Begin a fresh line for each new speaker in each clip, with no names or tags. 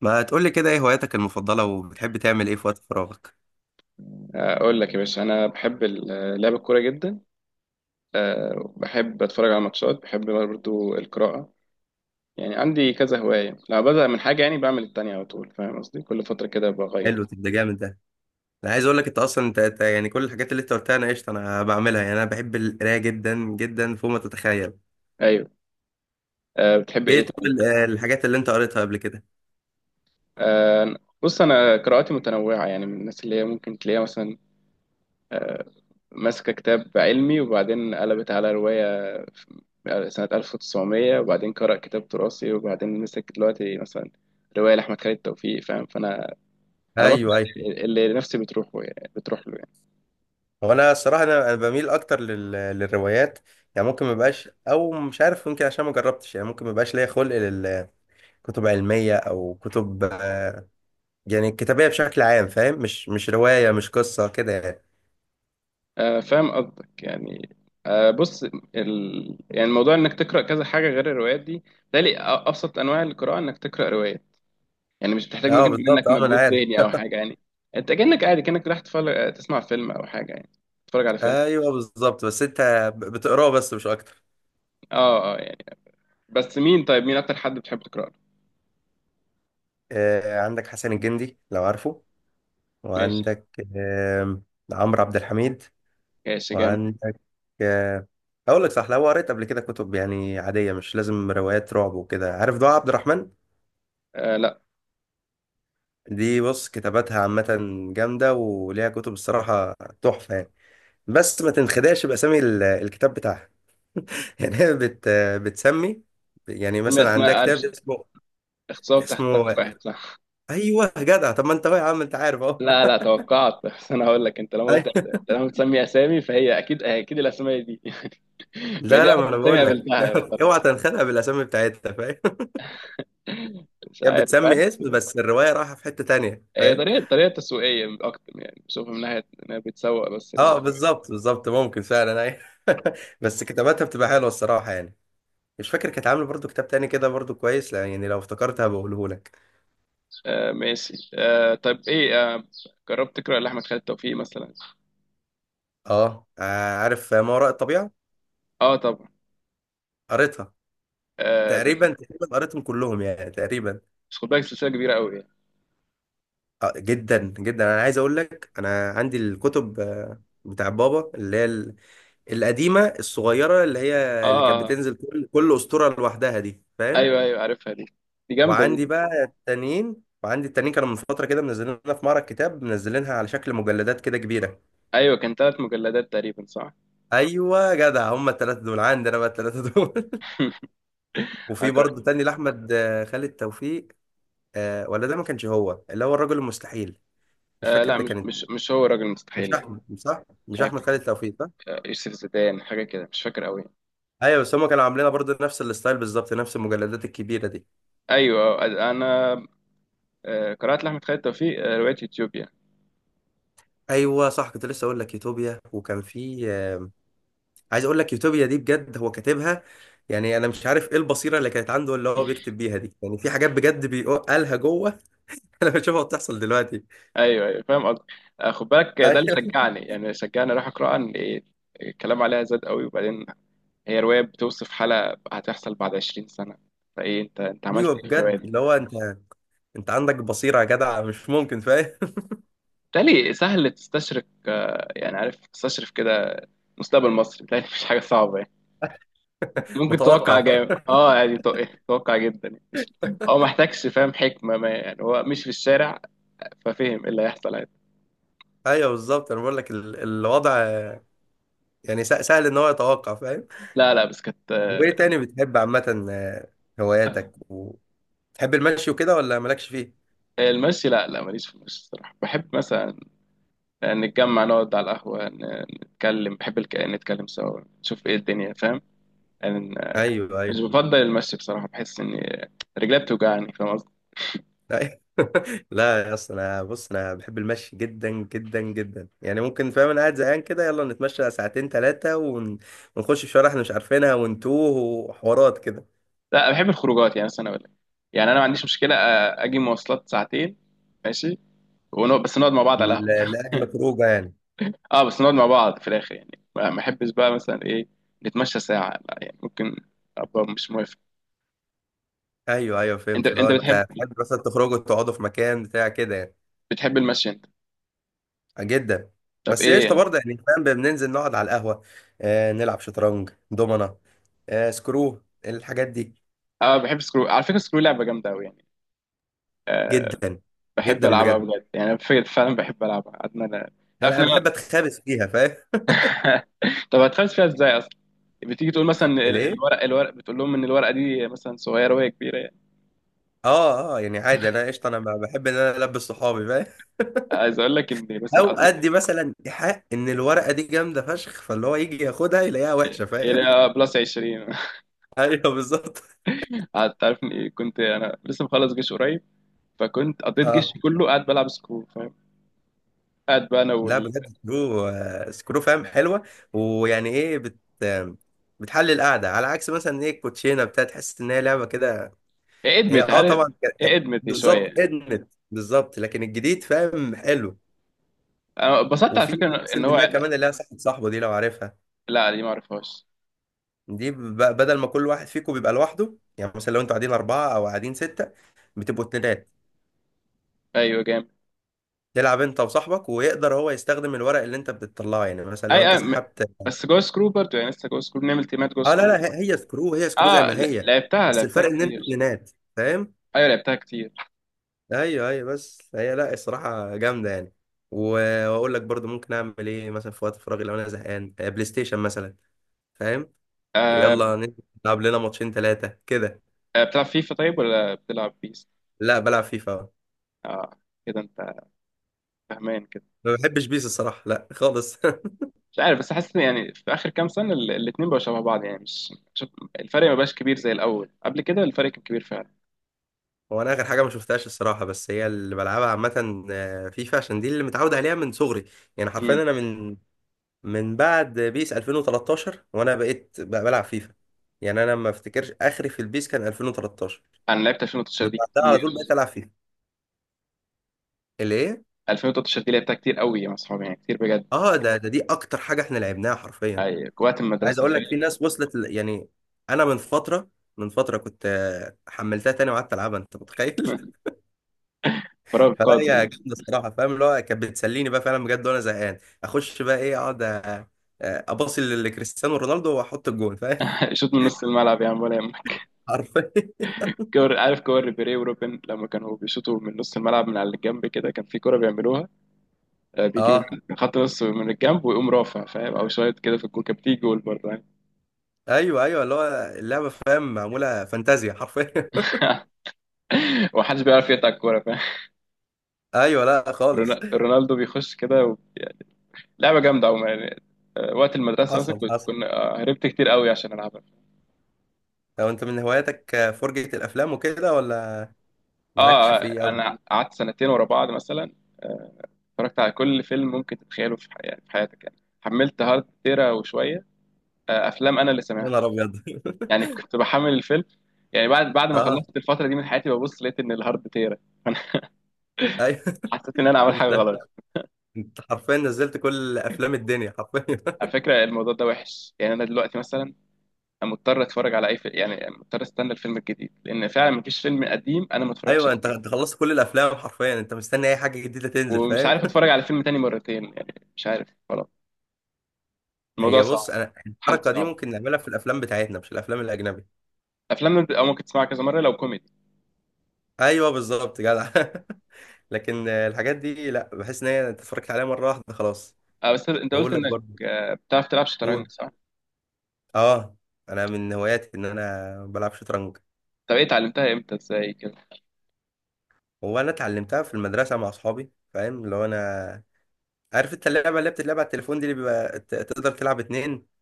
ما تقولي كده، ايه هواياتك المفضلة وبتحب تعمل ايه في وقت فراغك؟
اقول لك يا باشا انا بحب لعب الكوره جدا. أه، بحب اتفرج على ماتشات، بحب برضو القراءه. يعني عندي كذا هوايه، لما ببدا من حاجه يعني بعمل التانية على طول، فاهم قصدي؟ كل فتره كده
حلو.
بغير.
طب ده جامد ده. انا عايز اقول لك، انت اصلا أنت يعني كل الحاجات اللي انت قلتها انا قشطة انا بعملها. يعني انا بحب القراية جدا جدا فوق ما تتخيل.
ايوه. أه بتحب
ايه؟
ايه
طب
طيب؟
الحاجات اللي انت قريتها قبل كده؟
أه بص، انا قراءاتي متنوعه. يعني من الناس اللي هي ممكن تلاقيها مثلا ماسكه كتاب علمي، وبعدين قلبت على روايه في سنه 1900، وبعدين قرأ كتاب تراثي، وبعدين مسك دلوقتي مثلا روايه لاحمد خالد توفيق، فاهم؟ فانا انا بكره
ايوه ايوه.
اللي نفسي بتروح يعني بتروح له يعني.
هو انا الصراحة انا بميل اكتر للروايات. يعني ممكن ما بقاش، او مش عارف، يمكن عشان ما جربتش، يعني ممكن ما بقاش ليا خلق للكتب علمية او كتب، يعني الكتابية بشكل عام. فاهم؟ مش رواية، مش قصة كده يعني.
آه فاهم قصدك يعني. آه بص، يعني موضوع انك تقرا كذا حاجه غير الروايات دي، بالتالي ابسط انواع القراءه انك تقرا روايه. يعني مش بتحتاج
اه
مجهد
بالظبط،
منك،
اه ما انا
مجهود
عارف.
ذهني او حاجه يعني. انت كانك قاعد، كانك رايح تتفرج تسمع فيلم او حاجه يعني، تتفرج على فيلم.
ايوه بالظبط، بس انت بتقراه بس مش اكتر.
اه اه يعني. بس مين طيب؟ مين اكتر حد بتحب تقرا له؟
عندك حسن الجندي لو عارفه،
ماشي.
وعندك آم، عمرو عبد الحميد،
ماشي جامد.
وعندك آه، اقول لك صح، لو قريت قبل كده كتب يعني عاديه مش لازم روايات رعب وكده، عارف دعاء عبد الرحمن؟
آه لا.
دي بص كتاباتها عامه جامده، وليها كتب الصراحه تحفه يعني. بس ما تنخدعش باسامي الكتاب بتاعها يعني هي بتسمي. يعني
اسماء
مثلا عندها
اسماء عارف،
كتاب اسمه
اختصار تحت سقف
اسمه
واحد صح.
ايوه جدع، طب ما انت اهو يا عم، انت عارف اهو
لا لا، توقعت بس انا هقول لك انت لما قلت،
أيوة.
لما بتسمي اسامي فهي اكيد الاسامي دي ما هي
لا
دي
لا،
اول
ما انا
اسامي
بقول لك
قابلتها بصراحه،
اوعى تنخدع بالاسامي بتاعتها. فاهم؟
مش
يعني
عارف بقى.
بتسمي اسم بس الروايه رايحه في حته تانية.
هي
فاهم؟
طريقه تسويقيه اكتر، يعني بشوفها من ناحيه انها بتسوق بس
اه بالظبط بالظبط، ممكن فعلا، ايوه. بس كتاباتها بتبقى حلوه الصراحه يعني. مش فاكر، كانت عامله برضو كتاب تاني كده برضو كويس، لا يعني لو افتكرتها بقوله لك.
آه ماشي. آه طب ايه، آه جربت تقرا لاحمد خالد توفيق مثلا؟
اه، عارف ما وراء الطبيعه،
اه طبعا.
قريتها.
آه ده.
تقريبا تقريبا قريتهم كلهم يعني تقريبا.
بس خد بالك سلسله كبيره قوي يعني.
جدا جدا، انا عايز اقول لك انا عندي الكتب، بتاع بابا، اللي هي القديمه الصغيره، اللي هي
اه
اللي كانت
آه، آه.
بتنزل كل اسطوره لوحدها دي. فاهم؟
ايوه ايوه عارفها دي، دي جامده
وعندي
دي.
بقى التانيين، وعندي التانيين كانوا من فتره كده منزلينها في معرض كتاب، منزلينها على شكل مجلدات كده كبيره.
ايوه كان ثلاث مجلدات تقريبا صح.
ايوه جدع، هم الثلاثه دول عندي انا بقى، الثلاثه دول. وفي
أقرأ.
برضه تاني لاحمد خالد توفيق. ولا ده ما كانش هو اللي هو الرجل المستحيل؟ مش
آه
فاكر
لا،
ده
مش
كانت.
مش مش هو راجل مستحيل
مش
لا.
احمد صح؟
مش
مش
عارف،
احمد خالد توفيق؟
يوسف زيدان حاجة كده، مش فاكر قوي.
ايوه، بس هم كانوا عاملينها برضه نفس الستايل بالظبط، نفس المجلدات الكبيره دي.
أيوة. أنا آه، قرأت لأحمد خالد توفيق آه، رواية يوتيوبيا.
ايوه صح، كنت لسه اقول لك يوتوبيا، وكان في عايز اقول لك، يوتوبيا دي بجد هو كاتبها، يعني انا مش عارف ايه البصيره اللي كانت عنده اللي هو بيكتب بيها دي، يعني في حاجات بجد بيقالها جوه، انا بشوفها بتحصل دلوقتي.
أيوة أيوة فاهم قصدك. آه، خد بالك ده اللي
ايوه
شجعني، يعني شجعني أروح أقرأها إن الكلام عليها زاد قوي. وبعدين هي رواية بتوصف حالة هتحصل بعد 20 سنة، فإيه أنت عملت
ايوه،
إيه في الرواية
بجد
دي؟
اللي هو انت، انت عندك بصيره يا جدع، مش ممكن. فاهم؟
بتهيألي سهل تستشرف آه، يعني عارف تستشرف كده مستقبل مصر، بتهيألي مش حاجة صعبة يعني. ممكن
متوقع،
تتوقع جامد
فاهم.
اه، يعني تو- إيه، تتوقع جدا يعني. مش هو محتاجش فاهم حكمة ما، يعني هو مش في الشارع ففهم ايه اللي هيحصل عادي.
ايوه بالظبط، انا بقول لك الوضع، يعني سهل ان هو يتوقع. فاهم؟
لا لا بس كانت آه،
وايه تاني بتحب عامه؟ هواياتك، تحب المشي وكده ولا مالكش فيه؟
المشي لا لا ماليش في المشي الصراحة. بحب مثلا آه، نتجمع نقعد على القهوة، نتكلم. بحب نتكلم سوا نشوف ايه الدنيا فاهم، يعني آه،
ايوه
مش
ايوه.
بفضل المشي بصراحة، بحس اني رجلي بتوجعني فاهم قصدي.
لا لا يا اسطى، انا بص انا بحب المشي جدا جدا جدا. يعني ممكن، فاهم، انا قاعد زهقان كده، يلا نتمشى ساعتين ثلاثه ونخش في شوارع احنا مش عارفينها ونتوه وحوارات كده.
لا بحب الخروجات، يعني مثلا اقول لك يعني انا ما عنديش مشكلة اجي مواصلات ساعتين ماشي، بس نقعد مع بعض على
ل-
القهوة.
لاجل خروجه يعني.
اه بس نقعد مع بعض في الاخر، يعني ما احبش بقى مثلا ايه نتمشى ساعة، لا يعني ممكن ابقى مش موافق.
ايوه ايوه
انت
فهمت، لو
انت بتحب،
انت تحب مثلا تخرجوا تقعدوا في مكان بتاع كده يعني.
بتحب المشي انت؟
آه، جدا.
طب
بس
ايه
قشطه
يعني.
برضه يعني، فاهم، بننزل نقعد على القهوه، نلعب شطرنج، دومنه، سكرو، الحاجات دي.
اه بحب سكرو على فكره، سكرو لعبه جامده قوي يعني. آه
جدا.
بحب
جدا
العبها
بجد،
بجد، يعني أنا فعلا بحب العبها عدنا انا. تعرف
انا
ان انا
بحب اتخابس فيها. فاهم؟
طب هتخلص فيها ازاي اصلا؟ بتيجي تقول مثلا ال-
ليه؟
الورق الورق بتقول لهم ان الورقه دي مثلا صغيره وهي كبيره يعني.
اه اه يعني عادي، انا قشطه، انا بحب ان انا البس صحابي. فاهم؟
عايز اقول لك ان مثلا
او ادي مثلا حق ان الورقه دي جامده فشخ، فاللي هو يجي ياخدها يلاقيها وحشه. فاهم؟
هي بلس 20
ايوه بالظبط.
قعدت تعرف إن كنت انا لسه مخلص جيش قريب، فكنت قضيت
اه،
جيشي كله قاعد بلعب سكرو فاهم. قاعد بقى انا
لا
وال
بجد سكرو، سكرو، فاهم، حلوه. ويعني ايه بت آم، بتحل القعده على عكس مثلا ايه الكوتشينه بتاع، تحس ان هي لعبه كده. هي
ادمت
اه
عارف.
طبعا،
ادمت
بالظبط
شويه،
ادمت، بالظبط، لكن الجديد فاهم حلو.
انا اتبسطت على
وفي
فكره ان
مثل
هو.
منها كمان اللي هي صاحبه دي لو عارفها.
لا دي ما اعرفهاش.
دي بدل ما كل واحد فيكم بيبقى لوحده، يعني مثلا لو انتوا قاعدين أربعة أو قاعدين ستة، بتبقوا اتنينات،
ايوه جامد.
تلعب انت وصاحبك، ويقدر هو يستخدم الورق اللي انت بتطلعه، يعني مثلا لو
اي
انت
اي م-
سحبت.
بس جو سكرو برضه، يعني لسه جو سكرو بنعمل تيمات جو
اه لا
سكرو
لا،
يعني.
هي سكرو، هي سكرو زي
اه
ما
ل-
هي،
لعبتها
بس
لعبتها
الفرق ان انتوا
كتير.
اتنينات. فاهم؟
ايوه لعبتها كتير.
ايوه ايوه، بس هي لا الصراحة جامدة يعني. واقول لك برضو، ممكن اعمل ايه مثلا في وقت فراغي لو انا زهقان؟ بلاي ستيشن مثلا، فاهم.
آه.
يلا نلعب لنا ماتشين ثلاثة كده.
آه، بتلعب فيفا طيب ولا بتلعب بيس؟
لا بلعب فيفا.
اه كده انت فاهمان كده.
ما بحبش بيس الصراحة، لا خالص.
مش عارف، بس حاسس إن يعني في اخر كام سنه الاتنين بقوا شبه بعض، يعني مش شوف، الفرق ما بقاش كبير زي الاول. قبل كده الفرق كان كبير فعلا.
هو انا اخر حاجه ما شفتهاش الصراحه، بس هي اللي بلعبها عامه فيفا، عشان دي اللي متعود عليها من صغري. يعني
امم.
حرفيا انا، من بعد بيس 2013 وانا بقيت بقى بلعب فيفا. يعني انا ما افتكرش اخري في البيس كان 2013.
انا لعبت 2013
من
دي
بعدها على
كتير.
طول بقيت العب فيفا اللي ايه.
2013 دي لعبتها كتير قوي مع اصحابي يعني كتير بجد.
اه ده ده دي اكتر حاجه احنا لعبناها حرفيا.
اي وقت
عايز
المدرسه.
اقول لك في ناس وصلت يعني انا، من فتره كنت حملتها تاني وقعدت العبها، انت متخيل؟
فاهم فراغ
فلا هي
قاتل.
جامده الصراحه، فاهم، اللي هو كانت بتسليني بقى فعلا بجد، وانا زهقان اخش بقى، ايه اقعد اباصي لكريستيانو رونالدو واحط الجون. فاهم؟
يشوط من نص الملعب يا عم ولا يهمك.
حرفيا.
كور عارف، كور ريبيري وروبن لما كانوا بيشوطوا من نص الملعب من على الجنب كده، كان في كوره بيعملوها آه، بيجي من
اه
من خط نص من الجنب ويقوم رافع فاهم، او شويه كده في الجول كانت بتيجي جول برضه يعني.
ايوه ايوه، اللي هو اللعبه فاهم معموله فانتازيا حرفيا
ومحدش بيعرف يقطع الكوره فاهم.
ايوه لا خالص.
رونالدو بيخش كده يعني لعبه جامده عموما يعني. آه، وقت المدرسه مثلا
حصل
كنت
حصل.
كنا آه، هربت كتير قوي عشان العبها.
لو انت من هواياتك فرجة الافلام وكده، ولا
اه
مالكش فيه
آه،
قوي؟
انا قعدت سنتين ورا بعض مثلا آه، اتفرجت على كل فيلم ممكن تتخيله في يعني في حياتك يعني. حملت هارد تيرا وشويه آه، افلام انا اللي
يا
سامعها.
نهار ابيض
يعني كنت بحمل الفيلم، يعني بعد ما
اه
خلصت الفترة دي من حياتي، ببص لقيت إن الهارد تيرا فأنا
ايوه
حسيت إن أنا عامل حاجة
انت
غلط.
انت حرفيا نزلت كل افلام الدنيا حرفيا
على فكرة الموضوع ده وحش، يعني أنا دلوقتي مثلا أنا مضطر أتفرج على أي فيلم، يعني مضطر أستنى الفيلم الجديد، لأن فعلا مفيش فيلم قديم أنا ما اتفرجتش
ايوه انت
عليه.
انت خلصت كل الافلام حرفيا، انت مستني اي حاجه جديده تنزل.
ومش
فاهم؟
عارف أتفرج على فيلم تاني مرتين، يعني مش عارف خلاص، الموضوع
هي بص،
صعب.
انا
حالته
الحركه دي
صعبة.
ممكن نعملها في الافلام بتاعتنا مش الافلام الاجنبي.
أفلام أو ممكن تسمعها كذا مرة لو كوميدي.
ايوه بالظبط جدع لكن الحاجات دي لا، بحس ان هي أنت اتفرجت عليها مره واحده خلاص.
أه بس أنت قلت
بقول لك
إنك
برضه.
آه، بتعرف تلعب
قول.
شطرنج صح؟
اه، انا من هواياتي ان انا بلعب شطرنج.
طب إيه اتعلمتها إمتى إزاي كده؟
هو انا اتعلمتها في المدرسه مع اصحابي. فاهم؟ اللي هو انا، عارف انت اللعبه اللي بتتلعب على التليفون دي، اللي بيبقى تقدر تلعب اتنين؟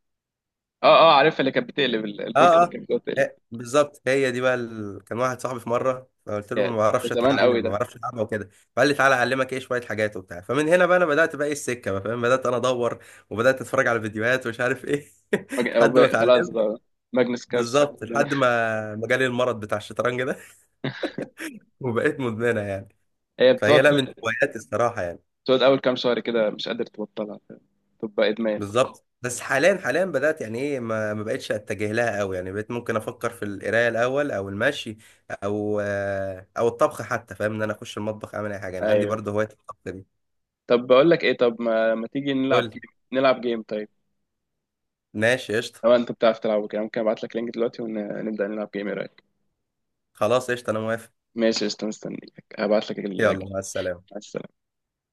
أه أه عارفها، اللي كانت بتقلب البورت
اه
اللي
اه،
كانت بتقلب.
بالظبط، هي دي بقى كان واحد صاحبي في مره، فقلت له ما
يعني ده
بعرفش
زمان قوي
اتعلم، ما
ده.
بعرفش العبها وكده، فقال لي تعالى اعلمك ايه شويه حاجات وبتاع. فمن هنا بقى انا بدات بقى ايه السكه بقى، فاهم، بدات انا ادور وبدات اتفرج على فيديوهات ومش عارف ايه
أو
لحد ما
بقى خلاص
اتعلمت.
بقى ماجنس كارلسن
بالظبط، لحد ما جالي المرض بتاع الشطرنج ده وبقيت مدمنه يعني.
هي بتقعد.
فهي لا من هواياتي الصراحه يعني.
بتقعد اول كام شهر كده مش قادر تبطلها، تبقى ادمان.
بالظبط. بس حاليا حاليا بدأت يعني ايه، ما بقتش اتجه لها قوي، يعني بقيت ممكن افكر في القرايه الاول، او المشي، او الطبخ حتى. فاهم؟ ان انا اخش المطبخ اعمل اي حاجه. انا عندي
ايوه.
برضه هوايه الطبخ دي.
طب بقول لك ايه، طب ما, ما تيجي نلعب
قول.
جيم، نلعب جيم طيب.
ماشي قشطه.
لو انت بتعرف تلعب كده، ممكن ابعت لك لينك دلوقتي ونبدا نلعب جيم، ايه رايك؟
خلاص قشطه، انا موافق.
ماشي قشطة، مستنيك هبعت لك
يلا
اللينك.
مع السلامه.
مع السلامة.